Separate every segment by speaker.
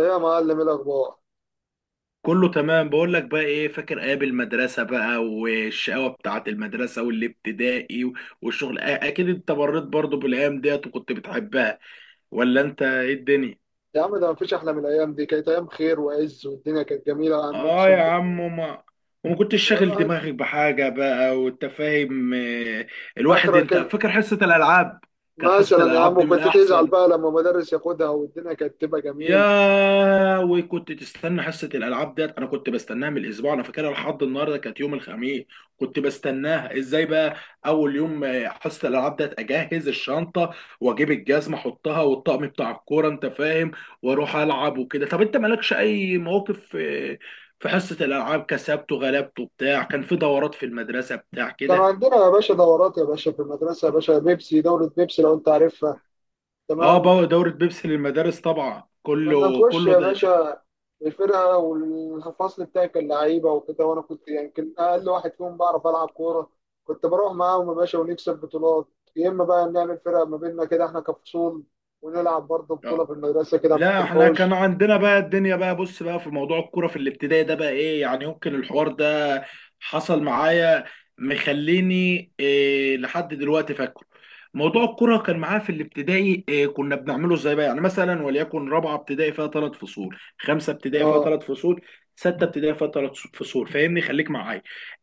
Speaker 1: ايه يا معلم؟ إيه الاخبار؟
Speaker 2: كله تمام، بقول لك بقى ايه، فاكر ايام المدرسه بقى والشقاوه بتاعه المدرسه والابتدائي والشغل؟ اكيد انت مريت برضو بالايام ديت وكنت بتحبها، ولا انت ايه الدنيا؟
Speaker 1: يا عم ده مفيش احلى من الايام دي. كانت ايام خير وعز والدنيا كانت جميله يا عم،
Speaker 2: اه
Speaker 1: اقسم
Speaker 2: يا
Speaker 1: بالله.
Speaker 2: عم، ما وما كنتش شاغل
Speaker 1: والواحد
Speaker 2: دماغك بحاجه بقى وانت فاهم. الواحد
Speaker 1: اخرك
Speaker 2: انت فاكر حصه الالعاب، كانت حصه
Speaker 1: مثلا يا
Speaker 2: الالعاب
Speaker 1: عم
Speaker 2: دي من
Speaker 1: كنت تزعل
Speaker 2: احسن.
Speaker 1: بقى لما مدرس ياخدها والدنيا كانت تبقى جميل.
Speaker 2: وكنت تستنى حصة الألعاب ديت، أنا كنت بستناها من الأسبوع، أنا فاكرها لحد النهاردة كانت يوم الخميس، كنت بستناها إزاي بقى. أول يوم حصة الألعاب ديت أجهز الشنطة وأجيب الجزمة أحطها والطقم بتاع الكورة، أنت فاهم، وأروح ألعب وكده. طب أنت مالكش أي مواقف في حصة الألعاب، كسبته غلبته بتاع، كان في دورات في المدرسة بتاع
Speaker 1: كان
Speaker 2: كده؟
Speaker 1: عندنا يا باشا دورات يا باشا في المدرسه يا باشا، بيبسي، دوره بيبسي لو انت عارفها.
Speaker 2: أه
Speaker 1: تمام.
Speaker 2: بقى، دورة بيبسي للمدارس طبعا،
Speaker 1: كنا
Speaker 2: كله
Speaker 1: نخش
Speaker 2: كله.
Speaker 1: يا باشا الفرقة والفصل بتاعي كان لعيبة وكده، وأنا كنت يعني كان أقل واحد فيهم بعرف ألعب كورة. كنت بروح معاهم يا باشا ونكسب بطولات. يا إما بقى نعمل فرقة ما بيننا كده إحنا كفصول ونلعب برضه بطولة
Speaker 2: ده
Speaker 1: في المدرسة كده في
Speaker 2: لا، احنا كان
Speaker 1: الحوش.
Speaker 2: عندنا بقى الدنيا بقى، بص بقى في موضوع الكوره في الابتدائي ده بقى ايه يعني، يمكن الحوار ده حصل معايا مخليني إيه لحد دلوقتي فاكره. موضوع الكوره كان معايا في الابتدائي، إيه كنا بنعمله ازاي بقى؟ يعني مثلا وليكن رابعه ابتدائي فيها ثلاث فصول، خمسه ابتدائي فيها
Speaker 1: آه.
Speaker 2: ثلاث فصول، سته ابتدائي فيها ثلاث فصول، فاهمني؟ خليك معايا.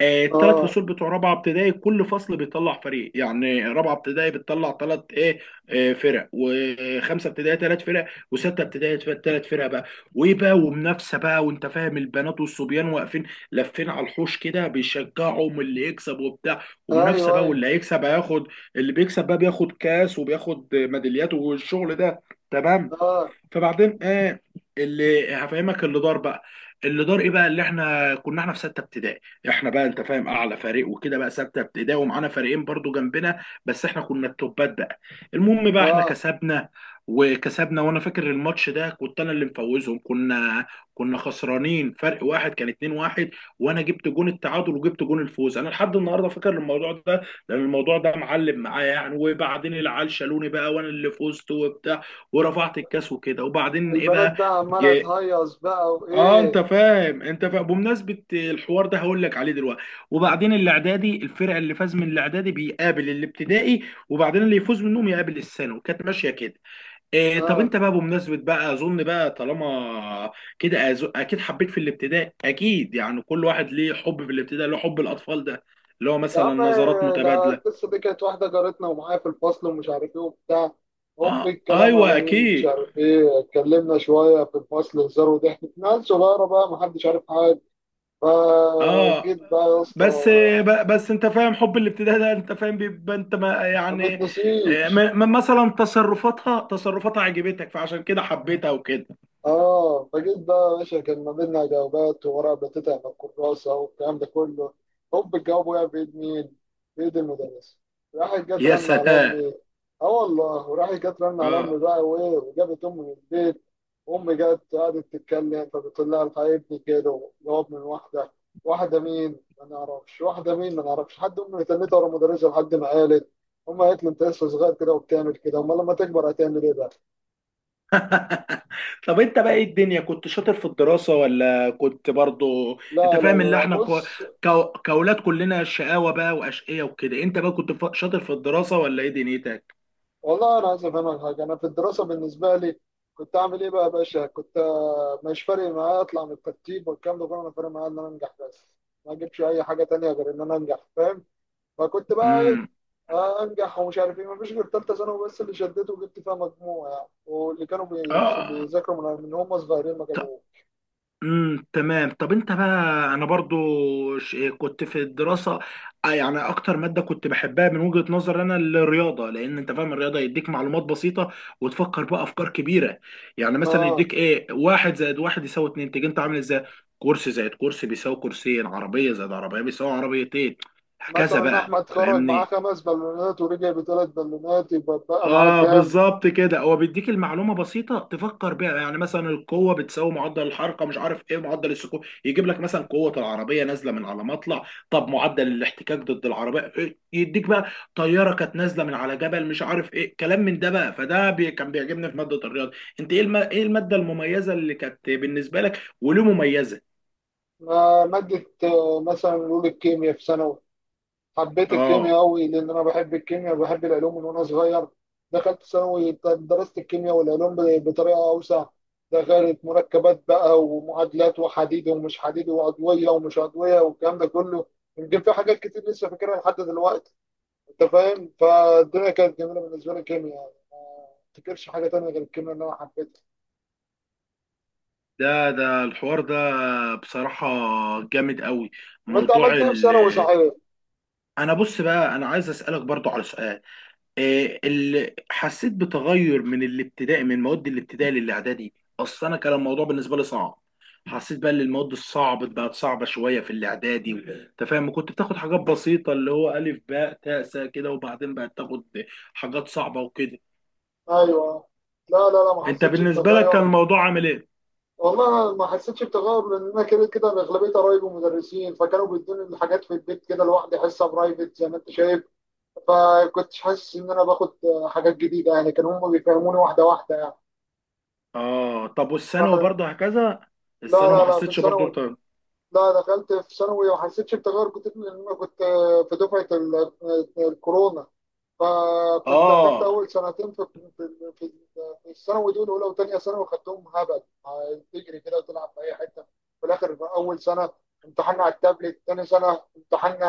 Speaker 2: الثلاث
Speaker 1: آه.
Speaker 2: فصول بتوع رابعه ابتدائي كل فصل بيطلع فريق، يعني رابعه ابتدائي بتطلع ثلاث ايه آه، فرق، وخمسه ابتدائي ثلاث فرق، وسته ابتدائي ثلاث فرق بقى. وايه بقى، ومنافسه بقى، وانت فاهم البنات والصبيان واقفين لافين على الحوش كده بيشجعهم، اللي يكسب وبتاع،
Speaker 1: أيوه
Speaker 2: ومنافسه بقى
Speaker 1: أيوه.
Speaker 2: واللي هيكسب هياخد. اللي بيكسب بقى بياخد كاس وبياخد ميداليات والشغل ده، تمام.
Speaker 1: آه.
Speaker 2: فبعدين ايه اللي هفهمك، اللي دار بقى. اللي دار ايه بقى، اللي احنا كنا احنا في سته ابتدائي، احنا بقى انت فاهم اعلى فريق وكده بقى، سته ابتدائي ومعانا فريقين برضو جنبنا، بس احنا كنا التوبات بقى. المهم بقى، احنا
Speaker 1: آه.
Speaker 2: كسبنا وكسبنا. وانا فاكر الماتش ده كنت انا اللي مفوزهم، كنا خسرانين فرق واحد، كان 2 واحد، وانا جبت جون التعادل وجبت جون الفوز، انا لحد النهارده فاكر الموضوع ده لان الموضوع ده معلم معايا يعني. وبعدين العيال شالوني بقى، وانا اللي فزت وبتاع، ورفعت الكاس وكده. وبعدين ايه
Speaker 1: والبنات
Speaker 2: بقى؟
Speaker 1: بقى عمالة
Speaker 2: جاء
Speaker 1: تهيص بقى
Speaker 2: اه انت
Speaker 1: وإيه.
Speaker 2: فاهم، انت فاهم بمناسبه الحوار ده هقول لك عليه دلوقتي. وبعدين الاعدادي الفرقه اللي فاز من الاعدادي بيقابل الابتدائي، وبعدين اللي يفوز منهم يقابل الثانوي، كانت ماشيه كده. إيه، طب
Speaker 1: آه
Speaker 2: انت بقى بمناسبه بقى، اظن بقى طالما كده اكيد حبيت في الابتدائي، اكيد يعني كل واحد ليه حب في الابتدائي، له حب الاطفال ده اللي هو
Speaker 1: يا
Speaker 2: مثلا
Speaker 1: عم،
Speaker 2: نظرات
Speaker 1: ده
Speaker 2: متبادله.
Speaker 1: القصة دي كانت واحدة جارتنا ومعايا في الفصل ومش عارف ايه وبتاع. هوب
Speaker 2: اه،
Speaker 1: الكلام
Speaker 2: ايوه
Speaker 1: على مين؟ مش
Speaker 2: اكيد.
Speaker 1: عارف ايه، اتكلمنا شوية في الفصل هزار وضحك، ناس صغيرة بقى محدش عارف حاجة.
Speaker 2: اه،
Speaker 1: فجيت بقى يا اسطى،
Speaker 2: بس بس انت فاهم حب الابتداء ده انت فاهم بيبقى انت ما
Speaker 1: ما
Speaker 2: يعني،
Speaker 1: بتنسيش.
Speaker 2: مثلا تصرفاتها عجبتك فعشان كده حبيتها وكده.
Speaker 1: اه فجيت بقى يا باشا، كان ما بيننا جوابات وورقة بتتعب من الكراسة والكلام ده كله. هوب الجواب وقع في ايد مين؟ في ايد المدرس. راحت جت
Speaker 2: يا
Speaker 1: رن على
Speaker 2: سلام!
Speaker 1: امي. اه والله، وراحت جت رن على امي
Speaker 2: اه.
Speaker 1: بقى وايه، وجابت امي من البيت. امي جت قعدت تتكلم فبتقول لها الحقيقة ابني كده جواب من واحدة. واحدة مين؟ ما نعرفش واحدة مين، ما نعرفش حد. امي تنتها ورا المدرسة لحد ما قالت. امي قالت لي انت لسه صغير كده وبتعمل كده، امال لما تكبر هتعمل ايه بقى؟
Speaker 2: طب انت بقى ايه الدنيا، كنت شاطر في الدراسة ولا كنت برضو انت
Speaker 1: لا لا لا
Speaker 2: فاهم اللي
Speaker 1: لا،
Speaker 2: احنا
Speaker 1: بص.
Speaker 2: كأولاد كلنا شقاوة بقى وأشقية وكده، انت بقى كنت شاطر في الدراسة ولا ايه دنيتك؟
Speaker 1: والله انا عايز افهمك حاجه. انا في الدراسه بالنسبه لي كنت اعمل ايه بقى يا باشا؟ كنت مش فارق معايا اطلع من الترتيب والكلام ده كله. انا فارق معايا ان انا انجح بس، ما اجيبش اي حاجه تانية غير ان انا انجح، فاهم؟ فكنت بقى ايه،
Speaker 2: امم
Speaker 1: انجح ومش عارف ايه. مفيش غير ثالثه ثانوي بس اللي شدته وجبت فيها مجموع يعني، واللي كانوا
Speaker 2: اه.
Speaker 1: بيذاكروا من هم صغيرين ما جابوه.
Speaker 2: تمام. طب انت بقى، انا برضو كنت في الدراسه يعني اكتر ماده كنت بحبها من وجهه نظر انا الرياضه، لان انت فاهم الرياضه يديك معلومات بسيطه وتفكر بقى افكار كبيره. يعني مثلا
Speaker 1: اه
Speaker 2: يديك ايه، واحد زائد واحد يساوي اتنين، تيجي انت عامل ازاي؟ كرسي زائد كرسي بيساوي كرسيين، عربيه زائد عربيه بيساوي عربيتين، هكذا
Speaker 1: مثلا
Speaker 2: بقى،
Speaker 1: احمد خرج معاه
Speaker 2: فاهمني؟
Speaker 1: خمس بالونات ورجع بثلاث بالونات، يبقى بقى معاه
Speaker 2: اه
Speaker 1: كام؟
Speaker 2: بالظبط كده، هو بيديك المعلومه بسيطه تفكر بيها، يعني مثلا القوه بتساوي معدل الحركه، مش عارف ايه معدل السكون، يجيب لك مثلا قوه العربيه نازله من على مطلع، طب معدل الاحتكاك ضد العربيه إيه؟ يديك بقى طياره كانت نازله من على جبل، مش عارف ايه، كلام من ده بقى، فده بي كان بيعجبني في ماده الرياضه. انت ايه الماده المميزه اللي كانت بالنسبه لك، وليه مميزه؟
Speaker 1: آه، مادة، آه، مثلا نقول الكيمياء في ثانوي. حبيت
Speaker 2: اه
Speaker 1: الكيمياء قوي لان انا بحب الكيمياء وبحب العلوم من وانا صغير. دخلت ثانوي درست الكيمياء والعلوم بطريقه اوسع. دخلت مركبات بقى ومعادلات وحديد ومش حديد وعضويه ومش عضويه والكلام ده كله. يمكن في حاجات كتير لسه فاكرها لحد دلوقتي. انت فاهم، فالدنيا كانت جميله بالنسبه لي. الكيمياء يعني ما افتكرش حاجه تانية غير الكيمياء اللي انا حبيتها.
Speaker 2: ده الحوار ده بصراحة جامد قوي
Speaker 1: طب انت
Speaker 2: موضوع.
Speaker 1: عملت ايه في ثانوي صحيح؟
Speaker 2: انا بص بقى، انا عايز اسالك برضو على سؤال، إيه اللي حسيت بتغير من الابتدائي، من مواد الابتدائي للاعدادي؟ اصل انا كان الموضوع بالنسبه لي صعب، حسيت بقى ان المواد الصعبه بقت صعبه شويه في الاعدادي، انت فاهم؟ كنت بتاخد حاجات بسيطه اللي هو الف باء تاء سا كده، وبعدين بقت تاخد حاجات صعبه وكده.
Speaker 1: ايوه. لا، ما
Speaker 2: انت
Speaker 1: حسيتش
Speaker 2: بالنسبه لك كان
Speaker 1: بتغير.
Speaker 2: الموضوع عامل ايه؟
Speaker 1: والله ما حسيتش بتغير لان انا كده كده أنا اغلبيه قرايبي مدرسين فكانوا بيدوني الحاجات في البيت كده لوحدي، حصه برايفت زي ما انت شايف. فكنتش حاسس ان انا باخد حاجات جديده يعني، كانوا هم بيفهموني واحده يعني.
Speaker 2: اه، طب والثانوي
Speaker 1: ف-
Speaker 2: برضه هكذا؟
Speaker 1: لا
Speaker 2: الثانوي
Speaker 1: لا
Speaker 2: ما
Speaker 1: لا في
Speaker 2: حسيتش برضه
Speaker 1: الثانوي. لا دخلت في ثانوي وما حسيتش بتغير كتير لان انا كنت في دفعه الكورونا. فكنت اخدت
Speaker 2: اه.
Speaker 1: اول سنتين في في في الثانوي. دول اولى وثانيه ثانوي خدتهم هبل، تجري كده وتلعب في اي حته. في الاخر اول سنه امتحنا على التابلت، ثاني سنه امتحنا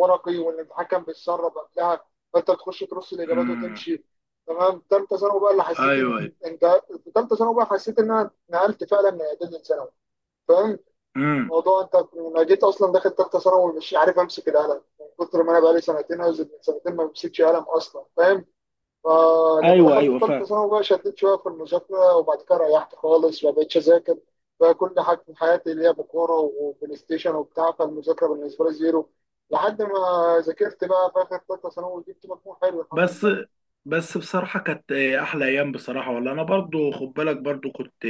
Speaker 1: ورقي، والامتحان كان بيتسرب قبلها فانت بتخش ترص الاجابات
Speaker 2: امم
Speaker 1: وتمشي. تمام. ثالثه ثانوي بقى اللي حسيت
Speaker 2: ايوه، ايوه.
Speaker 1: ان انت. في ثالثه ثانوي بقى حسيت ان انا نقلت فعلا من اعدادي لثانوي، فاهم؟
Speaker 2: امم
Speaker 1: موضوع انت انا جيت اصلا داخل ثالثه ثانوي مش عارف امسك القلم من كتر ما انا بقالي سنتين او من سنتين ما بمسكش قلم اصلا، فاهم؟ فلما
Speaker 2: ايوه،
Speaker 1: دخلت
Speaker 2: ايوه،
Speaker 1: ثالثه
Speaker 2: فاهم.
Speaker 1: ثانوي بقى شديت شويه في المذاكره، وبعد كده ريحت خالص ما بقتش اذاكر. بقى كل حاجه في حياتي اللي هي بكوره وبلاي ستيشن وبتاع، فالمذاكره بالنسبه لي زيرو. لحد ما ذاكرت بقى في اخر ثالثه ثانوي وجبت مجموع حلو الحمد
Speaker 2: بس،
Speaker 1: لله.
Speaker 2: بس بصراحة كانت أحلى أيام بصراحة والله. أنا برضو خد بالك برضو كنت،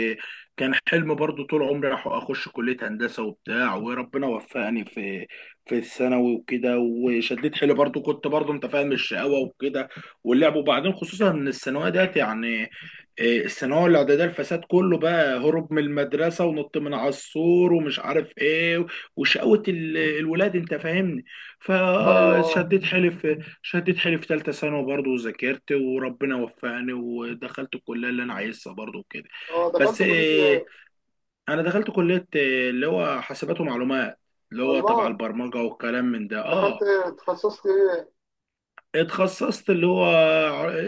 Speaker 2: كان حلم برضو طول عمري أخش كلية هندسة وبتاع، وربنا وفقني في في الثانوي وكده، وشديت حيلي برضو كنت برضو أنت فاهم الشقاوة وكده واللعب. وبعدين خصوصا إن الثانوية ديت يعني إيه، الثانوية الإعدادية الفساد كله بقى، هروب من المدرسة ونط من على السور ومش عارف إيه وشقاوة الولاد أنت فاهمني.
Speaker 1: ايوه. اه.
Speaker 2: فشديت حيلي في، شدت حيلي في ثالثة ثانوي برضه وذاكرت، وربنا وفقني ودخلت الكلية اللي أنا عايزها برضه وكده.
Speaker 1: اه دخلت
Speaker 2: بس
Speaker 1: كليه
Speaker 2: إيه،
Speaker 1: إيه؟
Speaker 2: أنا دخلت كلية إيه، اللي هو حاسبات ومعلومات، اللي هو تبع
Speaker 1: والله.
Speaker 2: البرمجة والكلام من ده،
Speaker 1: دخلت
Speaker 2: أه.
Speaker 1: تخصصت ايه؟
Speaker 2: اتخصصت اللي هو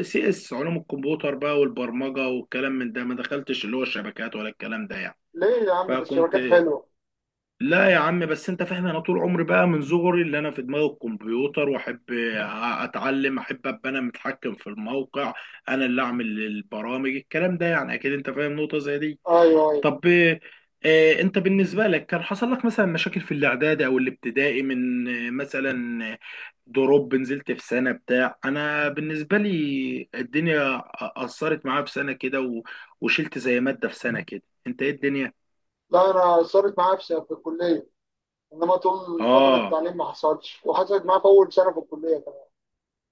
Speaker 2: سي اس، علوم الكمبيوتر بقى والبرمجة والكلام من ده، ما دخلتش اللي هو الشبكات ولا الكلام ده يعني.
Speaker 1: ليه يا عم ده
Speaker 2: فكنت،
Speaker 1: الشبكات حلوه.
Speaker 2: لا يا عم، بس انت فاهم انا طول عمري بقى من صغري اللي انا في دماغي الكمبيوتر، واحب اتعلم، احب ابقى انا متحكم في الموقع، انا اللي اعمل البرامج الكلام ده يعني، اكيد انت فاهم نقطة زي دي.
Speaker 1: ايوه. أيوة.
Speaker 2: طب اه، انت بالنسبة لك كان حصل لك مثلا مشاكل في الاعدادي او الابتدائي من مثلا دروب نزلت في سنة بتاع؟ انا بالنسبة لي الدنيا اثرت معايا في سنة كده وشلت زي مادة في سنة كده، انت ايه الدنيا؟
Speaker 1: لا انا صارت معايا في الكليه، انما طول فتره
Speaker 2: اه.
Speaker 1: التعليم ما حصلش، وحصلت معايا في اول سنه في الكليه كمان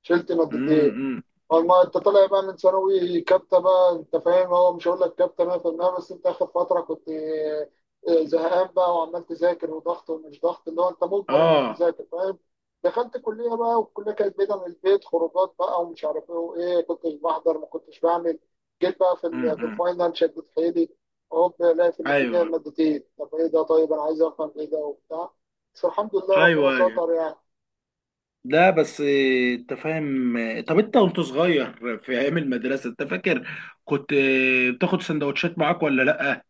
Speaker 1: شلت مادتين.
Speaker 2: إمم.
Speaker 1: ما انت طالع بقى من ثانوي كابتن بقى، انت فاهم، هو مش هقول لك كابتن 100% بس انت اخر فتره كنت، زهقان بقى وعمال تذاكر وضغط ومش ضغط اللي هو انت مجبر انك
Speaker 2: اه.
Speaker 1: تذاكر، فاهم؟ دخلت كليه بقى والكليه كانت بعيده من البيت، خروجات بقى ومش عارف ايه وايه، كنتش بحضر ما كنتش بعمل. جيت بقى في في
Speaker 2: امم
Speaker 1: الفاينل شدت حيلي، هوب الاقي في النتيجه
Speaker 2: ايوه،
Speaker 1: مادتين. طب ايه ده؟ طيب انا عايز افهم ايه ده وبتاع. بس الحمد لله
Speaker 2: ايوه،
Speaker 1: ربنا
Speaker 2: ايوه.
Speaker 1: ستر يعني.
Speaker 2: لا بس انت فاهم طب انت وانت صغير في ايام المدرسه انت فاكر كنت بتاخد سندوتشات معاك ولا لا؟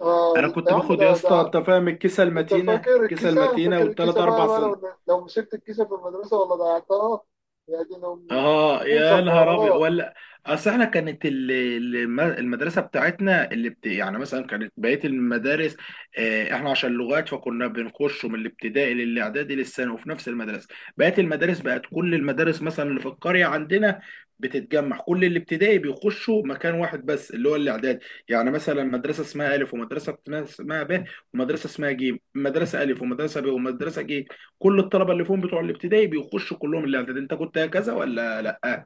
Speaker 1: آه
Speaker 2: انا
Speaker 1: يا
Speaker 2: كنت
Speaker 1: عم
Speaker 2: باخد يا
Speaker 1: ده
Speaker 2: اسطى
Speaker 1: ده.
Speaker 2: انت فاهم الكيسه
Speaker 1: انت
Speaker 2: المتينه،
Speaker 1: فاكر
Speaker 2: الكيسه
Speaker 1: الكيسه؟
Speaker 2: المتينه،
Speaker 1: فاكر الكيسه بقى بقى، لو مسكت الكيسه في المدرسه ولا ضيعتها؟ يا دين امي،
Speaker 2: اه
Speaker 1: انسى
Speaker 2: يا نهار ابيض
Speaker 1: الحوارات.
Speaker 2: ولا. اصل احنا كانت المدرسه بتاعتنا يعني مثلا كانت بقيه المدارس احنا عشان لغات، فكنا بنخش من الابتدائي للاعدادي للثانوي وفي نفس المدرسه، بقيه المدارس بقت كل المدارس مثلا اللي في القريه عندنا بتتجمع كل الابتدائي بيخشوا مكان واحد بس اللي هو الاعدادي. يعني مثلا مدرسه اسمها الف، ومدرسه اسمها ب، ومدرسه اسمها ج، مدرسه الف ومدرسه ب ومدرسه ج، كل الطلبه اللي فيهم بتوع الابتدائي بيخشوا كلهم الاعدادي. انت كنت كذا ولا لا؟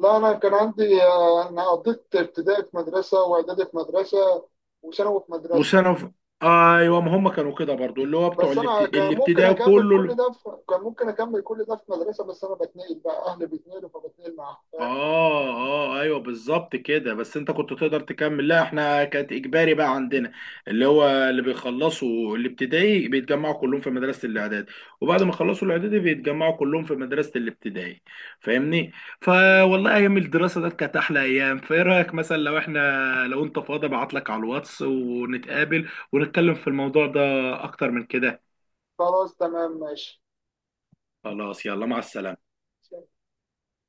Speaker 1: لا انا كان عندي، آه، انا قضيت ابتدائي في مدرسه واعدادي في مدرسه وثانوي في مدرسه.
Speaker 2: وثانوي؟ ايوه، ما هم كانوا كده برضو، اللي هو بتوع
Speaker 1: بس انا كان ممكن
Speaker 2: الابتدائي
Speaker 1: اكمل كل
Speaker 2: كله.
Speaker 1: ده في، كان ممكن اكمل كل ده في مدرسه، بس انا بتنقل بقى اهلي بيتنقلوا فبتنقل معاهم، فاهم؟
Speaker 2: اه. اه ايوه بالظبط كده، بس انت كنت تقدر تكمل، لا احنا كانت اجباري بقى عندنا، اللي هو اللي بيخلصوا الابتدائي بيتجمعوا كلهم في مدرسه الاعداد، وبعد ما يخلصوا الاعدادي بيتجمعوا كلهم في مدرسه الابتدائي، فاهمني؟ فوالله ايام الدراسه ده كانت احلى ايام. فايه رايك مثلا لو احنا، لو انت فاضي ابعت لك على الواتس ونتقابل ونتكلم في الموضوع ده اكتر من كده؟
Speaker 1: خلاص تمام ماشي.
Speaker 2: خلاص يلا، مع السلامه.